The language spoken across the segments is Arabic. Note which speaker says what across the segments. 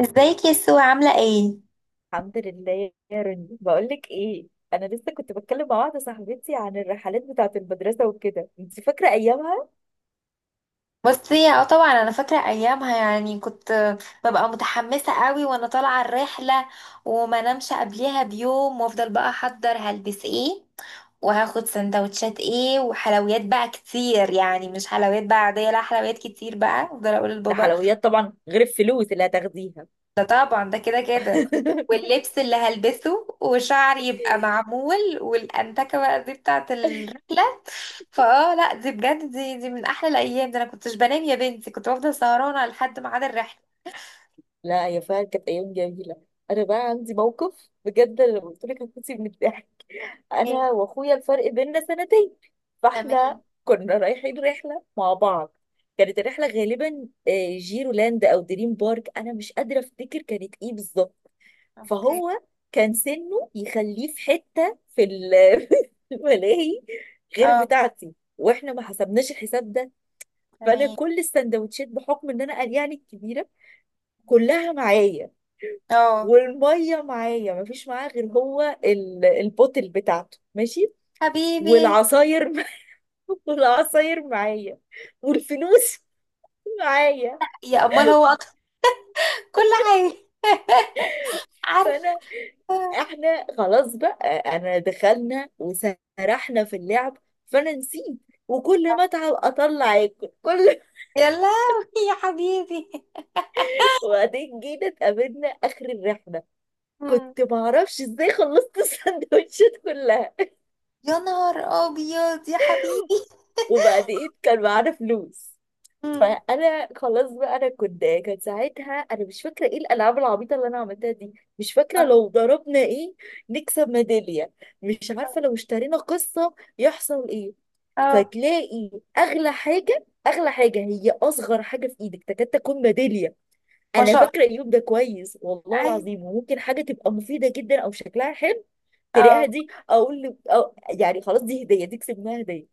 Speaker 1: ازيك يا سو، عاملة ايه؟
Speaker 2: الحمد لله يا رني، بقول لك ايه. انا لسه كنت بتكلم مع واحده صاحبتي عن الرحلات بتاعه المدرسه وكده، انت فاكره ايامها؟
Speaker 1: بصي، اه طبعا انا فاكرة ايامها. يعني كنت ببقى متحمسة قوي وانا طالعة الرحلة، وما نمش قبلها بيوم، وافضل بقى احضر هلبس ايه وهاخد سندوتشات ايه وحلويات بقى كتير. يعني مش حلويات بقى عادية، لا حلويات كتير بقى، افضل اقول
Speaker 2: ده
Speaker 1: لبابا.
Speaker 2: حلويات طبعا غير الفلوس اللي هتاخديها.
Speaker 1: ده طبعا ده كده كده. واللبس اللي هلبسه وشعري يبقى معمول، والأنتكة بقى دي بتاعت الرحلة. فاه، لا دي بجد، دي من أحلى الأيام. ده أنا كنتش بنام يا بنتي، كنت بفضل سهرانة لحد ميعاد الرحلة.
Speaker 2: لا يا، فعلا كانت ايام جميله. انا بقى عندي موقف بجد، أنا لو قلت لك هتموتي من الضحك. انا
Speaker 1: ايه.
Speaker 2: واخويا الفرق بيننا سنتين، فاحنا
Speaker 1: تمام.
Speaker 2: كنا رايحين رحله مع بعض. كانت الرحله غالبا جيرولاند او دريم بارك، انا مش قادره افتكر كانت ايه بالظبط.
Speaker 1: اوكي.
Speaker 2: فهو كان سنه يخليه في حتة في الملاهي غير
Speaker 1: اه.
Speaker 2: بتاعتي، واحنا ما حسبناش الحساب ده. فانا
Speaker 1: تمام.
Speaker 2: كل السندوتشات بحكم ان انا قلياني الكبيره كلها معايا،
Speaker 1: اه.
Speaker 2: والميه معايا، ما فيش معاه غير هو البوتل بتاعته ماشي،
Speaker 1: حبيبي.
Speaker 2: والعصاير والعصاير معايا، والفلوس معايا.
Speaker 1: يا أمال هو أطفال. كل حاجة. عارفة.
Speaker 2: فانا احنا خلاص بقى، انا دخلنا وسرحنا في اللعب، فانا نسيت، وكل ما اتعب اطلع اكل كل.
Speaker 1: يا لهوي. يا حبيبي.
Speaker 2: وبعدين جينا اتقابلنا اخر الرحله،
Speaker 1: مم.
Speaker 2: كنت معرفش ازاي خلصت السندوتشات كلها.
Speaker 1: يا نهار أبيض يا حبيبي.
Speaker 2: وبعدين كان معانا فلوس،
Speaker 1: مم.
Speaker 2: فانا خلاص بقى، انا كنت، كان ساعتها، انا مش فاكره ايه الالعاب العبيطه اللي انا عملتها دي، مش فاكره
Speaker 1: اه.
Speaker 2: لو ضربنا ايه نكسب ميداليه، مش عارفه لو اشترينا قصه يحصل ايه.
Speaker 1: اه.
Speaker 2: فتلاقي اغلى حاجه، اغلى حاجه هي اصغر حاجه في ايدك تكاد تكون ميداليه.
Speaker 1: ما
Speaker 2: انا
Speaker 1: شاء الله.
Speaker 2: فاكره اليوم ده كويس والله
Speaker 1: أيوة.
Speaker 2: العظيم، وممكن حاجه تبقى مفيده جدا او شكلها حلو تلاقيها،
Speaker 1: اه.
Speaker 2: دي اقول له أو يعني خلاص، دي هديه، دي كسبناها هديه.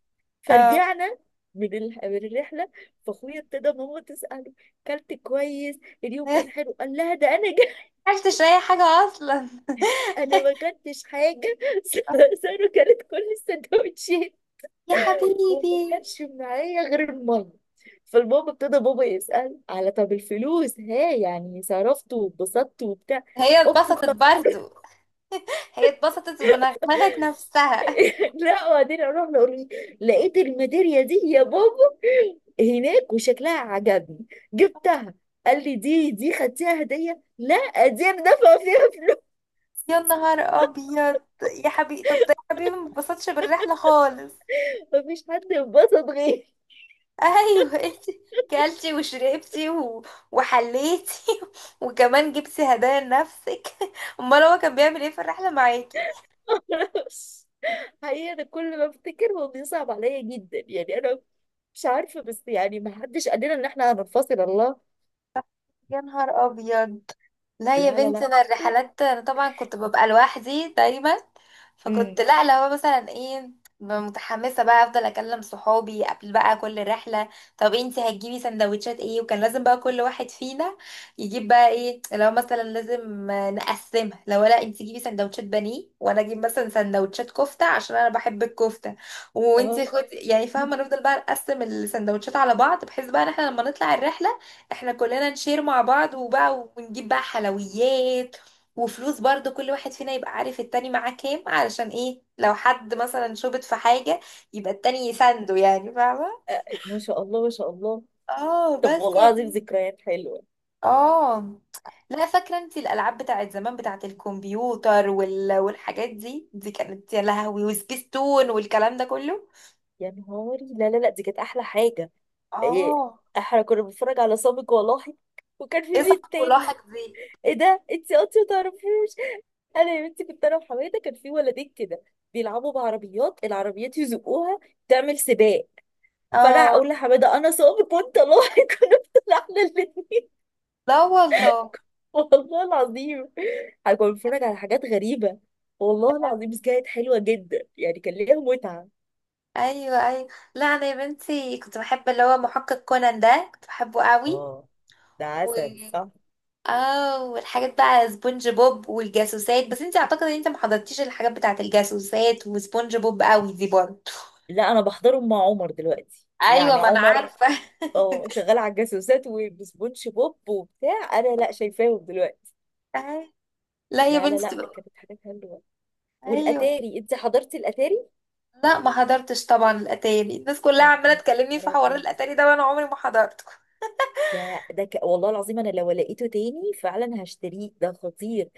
Speaker 1: اه.
Speaker 2: فرجعنا من الرحله. فاخويا ابتدى ماما تساله، كلت كويس؟ اليوم كان حلو؟ قال لها، ده انا جا
Speaker 1: عرفتش اي حاجة اصلا.
Speaker 2: انا ما كلتش حاجه.
Speaker 1: آه،.
Speaker 2: ساره كلت كل السندوتشات،
Speaker 1: يا
Speaker 2: وما
Speaker 1: حبيبي.
Speaker 2: كانش معايا غير المية. فالبابا ابتدى بابا يسأل على، طب الفلوس ها، يعني صرفت واتبسطت وبتاع.
Speaker 1: هي
Speaker 2: قلت،
Speaker 1: اتبسطت
Speaker 2: طب
Speaker 1: برضو. هي اتبسطت ونغمغت نفسها.
Speaker 2: لا، وبعدين اروح له، لقيت الميدالية دي يا بابا هناك وشكلها عجبني، جبتها. قال لي، دي خدتيها هدية؟ لا، دي انا دافعة فيها فلوس.
Speaker 1: يا نهار ابيض يا حبيبي. طب ده يا حبيبي ما اتبسطش بالرحلة خالص.
Speaker 2: مفيش حد انبسط غيري.
Speaker 1: ايوه. انت كلتي وشربتي وحليتي. وكمان جبتي هدايا لنفسك. امال هو كان بيعمل ايه في الرحلة معاكي؟
Speaker 2: معرفش. حقيقة أنا كل ما أفتكر هو بيصعب عليا جدا، يعني أنا مش عارفة، بس يعني ما حدش قال لنا إن إحنا هننفصل الله.
Speaker 1: يا نهار ابيض. لا يا
Speaker 2: لا لا
Speaker 1: بنتي،
Speaker 2: لا.
Speaker 1: انا الرحلات انا طبعا كنت ببقى لوحدي دايما. فكنت،
Speaker 2: امم
Speaker 1: لا لو هو مثلا ايه، ببقى متحمسه بقى، افضل اكلم صحابي قبل بقى كل رحله. طب انتي هتجيبي سندوتشات ايه؟ وكان لازم بقى كل واحد فينا يجيب بقى ايه، لو مثلا لازم نقسمها. لو لا، انتي جيبي سندوتشات بانيه وانا اجيب مثلا سندوتشات كفته عشان انا بحب الكفته،
Speaker 2: اه.
Speaker 1: وانتي خدي، يعني فاهمه. نفضل بقى نقسم السندوتشات على بعض، بحيث بقى ان احنا لما نطلع الرحله احنا كلنا نشير مع بعض، وبقى ونجيب بقى حلويات وفلوس برضو. كل واحد فينا يبقى عارف التاني معاه كام، علشان ايه؟ لو حد مثلا شبط في حاجة يبقى التاني يسنده. يعني فاهمة.
Speaker 2: آه، ما شاء الله ما شاء الله.
Speaker 1: اه
Speaker 2: طب
Speaker 1: بس يا
Speaker 2: والله العظيم،
Speaker 1: بنتي.
Speaker 2: ذكريات حلوة.
Speaker 1: اه، لا فاكرة انت الألعاب بتاعت زمان، بتاعت الكمبيوتر والحاجات دي كانت يا لهوي، وسبيستون والكلام ده كله.
Speaker 2: يا نهاري، لا لا لا، دي كانت أحلى حاجة. إيه،
Speaker 1: اه،
Speaker 2: احنا كنا بنتفرج على سابق ولاحق، وكان في
Speaker 1: ايه صح
Speaker 2: مين
Speaker 1: كلاحك
Speaker 2: تاني؟
Speaker 1: دي.
Speaker 2: ايه ده، انت اصلا متعرفوش؟ انا يا بنتي كنت انا وحماده، كان في ولدين كده بيلعبوا بعربيات، العربيات يزقوها، تعمل سباق. فانا اقول
Speaker 1: اه.
Speaker 2: لحماده، انا سابق وانت لاحق. كنا طلعنا.
Speaker 1: لا والله.
Speaker 2: والله العظيم، انا كنت بتفرج على حاجات غريبة والله العظيم، بس كانت حلوة جدا، يعني كان ليها متعة.
Speaker 1: ايوه ايوه. لا انا يا بنتي كنت بحب اللي هو محقق كونان ده، كنت بحبه قوي.
Speaker 2: اه، ده
Speaker 1: و
Speaker 2: عسل صح.
Speaker 1: اه والحاجات بقى سبونج بوب والجاسوسات، بس انت اعتقد ان انت ما حضرتيش الحاجات بتاعت الجاسوسات وسبونج بوب قوي دي برضه.
Speaker 2: لا انا بحضرهم مع عمر دلوقتي،
Speaker 1: ايوه،
Speaker 2: يعني
Speaker 1: ما انا
Speaker 2: عمر
Speaker 1: عارفه.
Speaker 2: اه شغال على الجاسوسات وبسبونج بوب وبتاع، انا لا شايفاهم دلوقتي.
Speaker 1: أي- لا يا
Speaker 2: لا لا لا
Speaker 1: بنتي بقى-
Speaker 2: كانت حاجات حلوة.
Speaker 1: ايوه،
Speaker 2: والاتاري، انت حضرتي الاتاري؟
Speaker 1: لا ما حضرتش طبعا الاتاري. الناس كلها
Speaker 2: يا
Speaker 1: عماله تكلمني في
Speaker 2: نهار
Speaker 1: حوار
Speaker 2: ابيض،
Speaker 1: الاتاري ده وانا عمري ما حضرته.
Speaker 2: ده والله العظيم انا لو لقيته تاني فعلا هشتريه، ده خطير.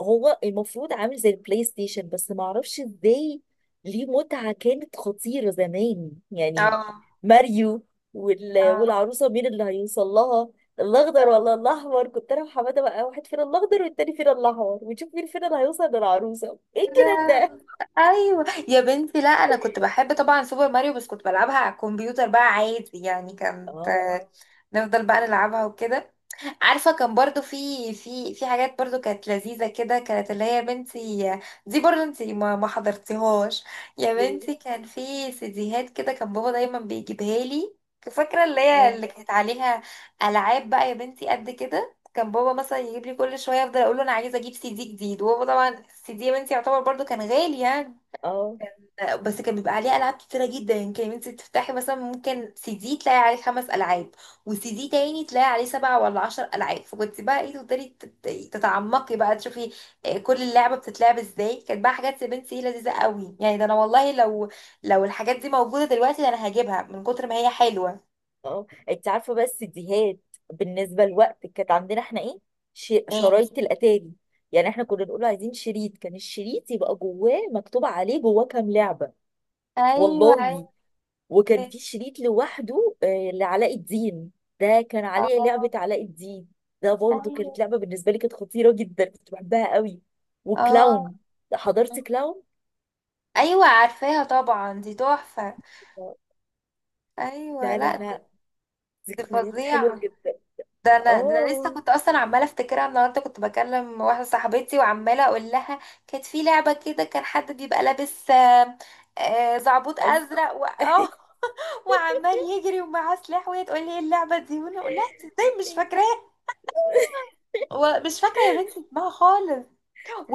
Speaker 2: هو المفروض عامل زي البلاي ستيشن، بس ما اعرفش ازاي، ليه متعة كانت خطيرة زمان يعني.
Speaker 1: اه.
Speaker 2: ماريو
Speaker 1: اه.
Speaker 2: والعروسة مين اللي هيوصل لها، الاخضر ولا الاحمر؟ كنت انا وحماده بقى، واحد فينا الاخضر والتاني فينا الاحمر، ونشوف مين فينا اللي هيوصل للعروسه. ايه الجنان
Speaker 1: لا.
Speaker 2: ده.
Speaker 1: ايوه يا بنتي، لا انا كنت بحب طبعا سوبر ماريو، بس كنت بلعبها على الكمبيوتر بقى عادي، يعني كانت
Speaker 2: اه.
Speaker 1: نفضل بقى نلعبها وكده. عارفه، كان برضو في حاجات برضو كانت لذيذه كده، كانت اللي هي يا بنتي دي برضو انت ما حضرتيهاش. يا
Speaker 2: ايه.
Speaker 1: بنتي كان في سيديهات كده، كان بابا دايما بيجيبها لي. فاكره
Speaker 2: اه
Speaker 1: اللي كانت عليها العاب. بقى يا بنتي قد كده كان بابا مثلا يجيب لي كل شويه، افضل اقول له انا عايزه اجيب سي دي جديد، وهو طبعا السي دي يا بنتي يعتبر برضو كان غالي يعني.
Speaker 2: اه
Speaker 1: بس كان بيبقى عليه العاب كتيره جدا. يعني كان انت تفتحي مثلا ممكن سي دي تلاقي عليه 5 العاب، وسي دي تاني تلاقي عليه 7 ولا 10 العاب، فكنت بقى ايه، تقدري تتعمقي بقى تشوفي كل اللعبه بتتلعب ازاي. كانت بقى حاجات يا بنتي إيه، لذيذه قوي يعني. ده انا والله لو الحاجات دي موجوده دلوقتي، ده انا هجيبها من كتر ما هي حلوه.
Speaker 2: اه. انت عارفه بس ديهات بالنسبه لوقت، كانت عندنا احنا ايه،
Speaker 1: ايه.
Speaker 2: شرايط الاتاري. يعني احنا كنا نقول عايزين شريط، كان الشريط يبقى جواه مكتوب عليه جواه كام لعبه.
Speaker 1: ايوه عارفه.
Speaker 2: والله. وكان في شريط لوحده لعلاء الدين، ده كان عليه
Speaker 1: اه.
Speaker 2: لعبه علاء الدين. ده برضه
Speaker 1: ايوه.
Speaker 2: كانت لعبه بالنسبه لي كانت خطيره جدا، كنت بحبها قوي.
Speaker 1: اه.
Speaker 2: وكلاون، حضرت كلاون.
Speaker 1: ايوه عارفاها طبعا، دي تحفه. ايوه،
Speaker 2: لا لا
Speaker 1: لا دي
Speaker 2: لا،
Speaker 1: دي
Speaker 2: ذكريات حلوه
Speaker 1: فظيعه.
Speaker 2: جدا.
Speaker 1: ده انا لسه
Speaker 2: اه
Speaker 1: كنت اصلا عماله افتكرها النهارده، كنت بكلم واحده صاحبتي وعماله اقول لها كانت في لعبه كده كان حد بيبقى لابس زعبوط
Speaker 2: أز...
Speaker 1: ازرق و... اه وعمال يجري ومعاه سلاح. وهي تقول لي ايه اللعبه دي وانا اقول لها "إنت ازاي مش فاكراها. ومش فاكره يا بنتي اسمها خالص.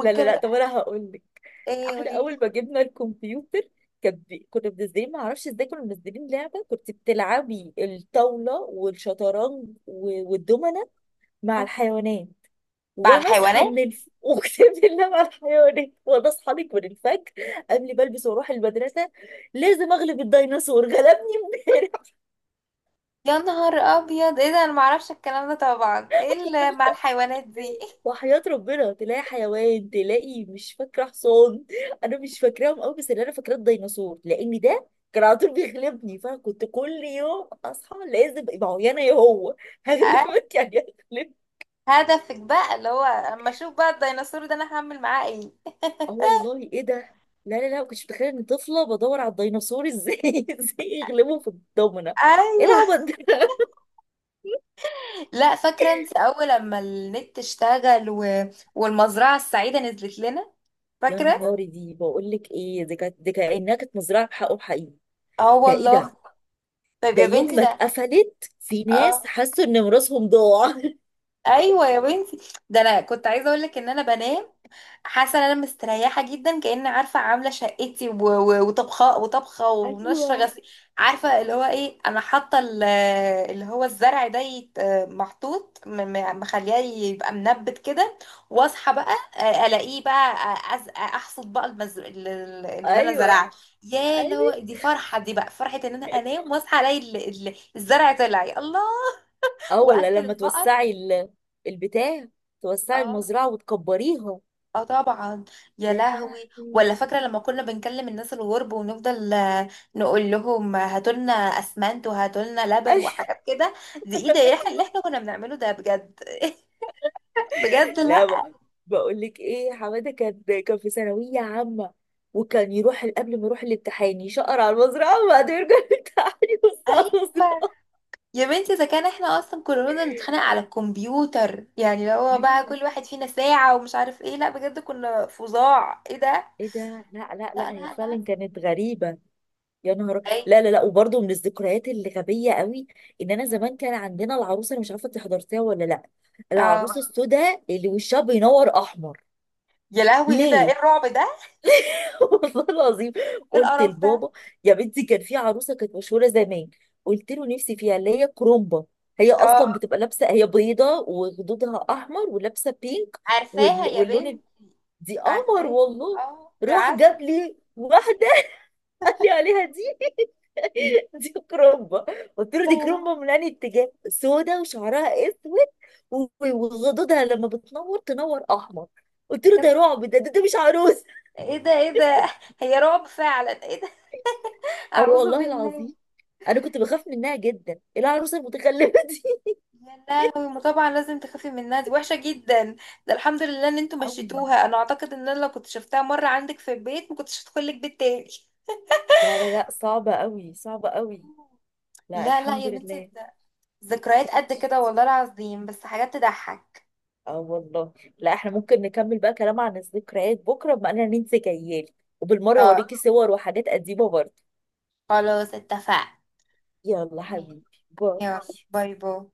Speaker 2: لا لا لا، طب انا هقول لك.
Speaker 1: ايه
Speaker 2: احنا
Speaker 1: وليه؟
Speaker 2: اول ما جبنا الكمبيوتر، كان كنا منزلين ما اعرفش ازاي، كنا منزلين لعبه كنت بتلعبي الطاوله والشطرنج والدومنه مع الحيوانات.
Speaker 1: مع
Speaker 2: وانا اصحى
Speaker 1: الحيوانات.
Speaker 2: من اقسم بالله، مع الحيوانات، وانا اصحى لك من الفجر قبل ما البس واروح المدرسه، لازم اغلب الديناصور. غلبني امبارح.
Speaker 1: يا نهار ابيض، ايه ده؟ انا معرفش الكلام ده طبعا، ايه اللي مع الحيوانات دي؟
Speaker 2: وحياة ربنا تلاقي حيوان، تلاقي مش فاكرة حصان، أنا مش فاكراهم أوي بس اللي أنا فاكراه الديناصور، لأن ده كان على طول بيغلبني، فأنا كنت كل يوم أصحى، لازم، ما هو يا أنا يا هو،
Speaker 1: آه،.
Speaker 2: هغلبك يعني، هغلبك.
Speaker 1: هدفك بقى اللي هو اما اشوف بقى الديناصور، ده انا هعمل معاه ايه؟
Speaker 2: أه والله إيه ده. لا لا لا، ما كنتش متخيلة إن طفلة بدور على الديناصور إزاي إزاي يغلبه في الضمنة. إيه
Speaker 1: ايوه.
Speaker 2: العبط ده.
Speaker 1: لا فاكره انت اول لما النت اشتغل والمزرعه السعيده نزلت لنا.
Speaker 2: يا
Speaker 1: فاكره.
Speaker 2: نهاري، دي بقول لك إيه، دي كانت دي كأنها كانت مزرعة بحقهم حقيقي.
Speaker 1: اه
Speaker 2: ده إيه ده.
Speaker 1: والله. طيب
Speaker 2: ده
Speaker 1: يا
Speaker 2: يوم
Speaker 1: بنتي
Speaker 2: ما
Speaker 1: ده.
Speaker 2: اتقفلت في ناس
Speaker 1: اه.
Speaker 2: حسوا ان ميراثهم ضاع.
Speaker 1: ايوه يا بنتي، ده انا كنت عايزه اقول لك ان انا بنام حاسه ان انا مستريحه جدا، كأن عارفه عامله شقتي وطبخه
Speaker 2: ايوه
Speaker 1: ونشره غسيل. عارفه اللي هو ايه، انا حاطه اللي هو الزرع ده محطوط، مخليه يبقى منبت كده. واصحى بقى الاقيه بقى، احصد بقى اللي انا زرعه.
Speaker 2: ايوه
Speaker 1: يا اللي
Speaker 2: ايوه.
Speaker 1: هو دي فرحه، دي بقى فرحه ان انا انام واصحى الاقي الزرع طلع، يا الله.
Speaker 2: اه ولا
Speaker 1: واكل
Speaker 2: لما
Speaker 1: البقر.
Speaker 2: توسعي البتاع، توسعي
Speaker 1: اه.
Speaker 2: المزرعه وتكبريها.
Speaker 1: اه طبعا. يا
Speaker 2: يا
Speaker 1: لهوي،
Speaker 2: لهوي.
Speaker 1: ولا فاكره لما كنا بنكلم الناس الغرب ونفضل نقول لهم هاتولنا اسمنت وهاتولنا لبن
Speaker 2: أش-
Speaker 1: وحاجات كده. دي ايه ده، احنا اللي احنا كنا بنعمله ده بجد؟ بجد،
Speaker 2: لا
Speaker 1: لا.
Speaker 2: بقول لك ايه، حماده كان في ثانويه عامه، وكان يروح قبل ما يروح الامتحان يشقر على المزرعه وبعدين يرجع، الامتحان يبص على
Speaker 1: ايوه
Speaker 2: المزرعه.
Speaker 1: يا بنتي، اذا كان احنا اصلا كلنا نتخانق على الكمبيوتر، يعني لو هو بقى
Speaker 2: ايوه.
Speaker 1: كل واحد فينا ساعه ومش عارف ايه، لا بجد كنا فظاع. ايه ده.
Speaker 2: ايه ده، لا لا
Speaker 1: لا
Speaker 2: لا، هي
Speaker 1: لا لا.
Speaker 2: فعلا كانت غريبه. يا نهار،
Speaker 1: اي.
Speaker 2: لا لا لا، وبرضه من الذكريات اللي غبيه قوي، ان انا زمان كان عندنا العروسه، انا مش عارفه انت حضرتيها ولا لا، العروسه
Speaker 1: اه.
Speaker 2: السوداء اللي وشها بينور احمر.
Speaker 1: يا لهوي، ايه ده؟ ايه
Speaker 2: ليه؟
Speaker 1: الرعب ده؟
Speaker 2: والله العظيم
Speaker 1: ايه
Speaker 2: قلت
Speaker 1: القرف ده؟
Speaker 2: لبابا، يا بنتي كان في عروسه كانت مشهوره زمان، قلت له نفسي فيها، اللي هي كرومبا، هي
Speaker 1: اه
Speaker 2: اصلا بتبقى لابسه، هي بيضه وخدودها احمر ولابسه بينك،
Speaker 1: عارفاها يا
Speaker 2: واللون
Speaker 1: بنتي.
Speaker 2: دي قمر
Speaker 1: عارفاه.
Speaker 2: والله.
Speaker 1: اه ده
Speaker 2: راح
Speaker 1: عسل.
Speaker 2: جاب لي واحده، قال لي عليها دي دي كرومبا. قلت له،
Speaker 1: لا
Speaker 2: دي
Speaker 1: لا.
Speaker 2: كرومبا من انهي اتجاه، سودا وشعرها اسود وغدودها لما بتنور تنور احمر. قلت له
Speaker 1: يا
Speaker 2: ده
Speaker 1: نهار-
Speaker 2: رعب، ده، ده مش عروسه.
Speaker 1: ايه ده؟ ايه ده؟ هي رعب فعلا. ايه ده؟
Speaker 2: اه
Speaker 1: اعوذ
Speaker 2: والله
Speaker 1: بالله.
Speaker 2: العظيم انا كنت بخاف منها جدا، إيه العروسه المتخلفه دي.
Speaker 1: يا لهوي، ما طبعا لازم تخافي منها، دي وحشه جدا. ده الحمد لله ان انتوا
Speaker 2: قوي،
Speaker 1: مشيتوها. انا اعتقد ان انا لو كنت شفتها مره عندك في البيت، ما كنتش هدخل لك بيت تاني.
Speaker 2: لا لا لا، صعبه قوي صعبه قوي. لا
Speaker 1: لا لا
Speaker 2: الحمد
Speaker 1: يا بنتي،
Speaker 2: لله.
Speaker 1: ده ذكريات قد كده، والله العظيم، بس حاجات تضحك.
Speaker 2: اه والله. لا احنا ممكن نكمل بقى كلام عن الذكريات بكره، بما اننا ننسى جيالي، وبالمره
Speaker 1: طيب
Speaker 2: اوريكي صور وحاجات قديمه برضه.
Speaker 1: خلاص اتفقنا.
Speaker 2: يلا حبيبي، باي.
Speaker 1: يلا باي باي.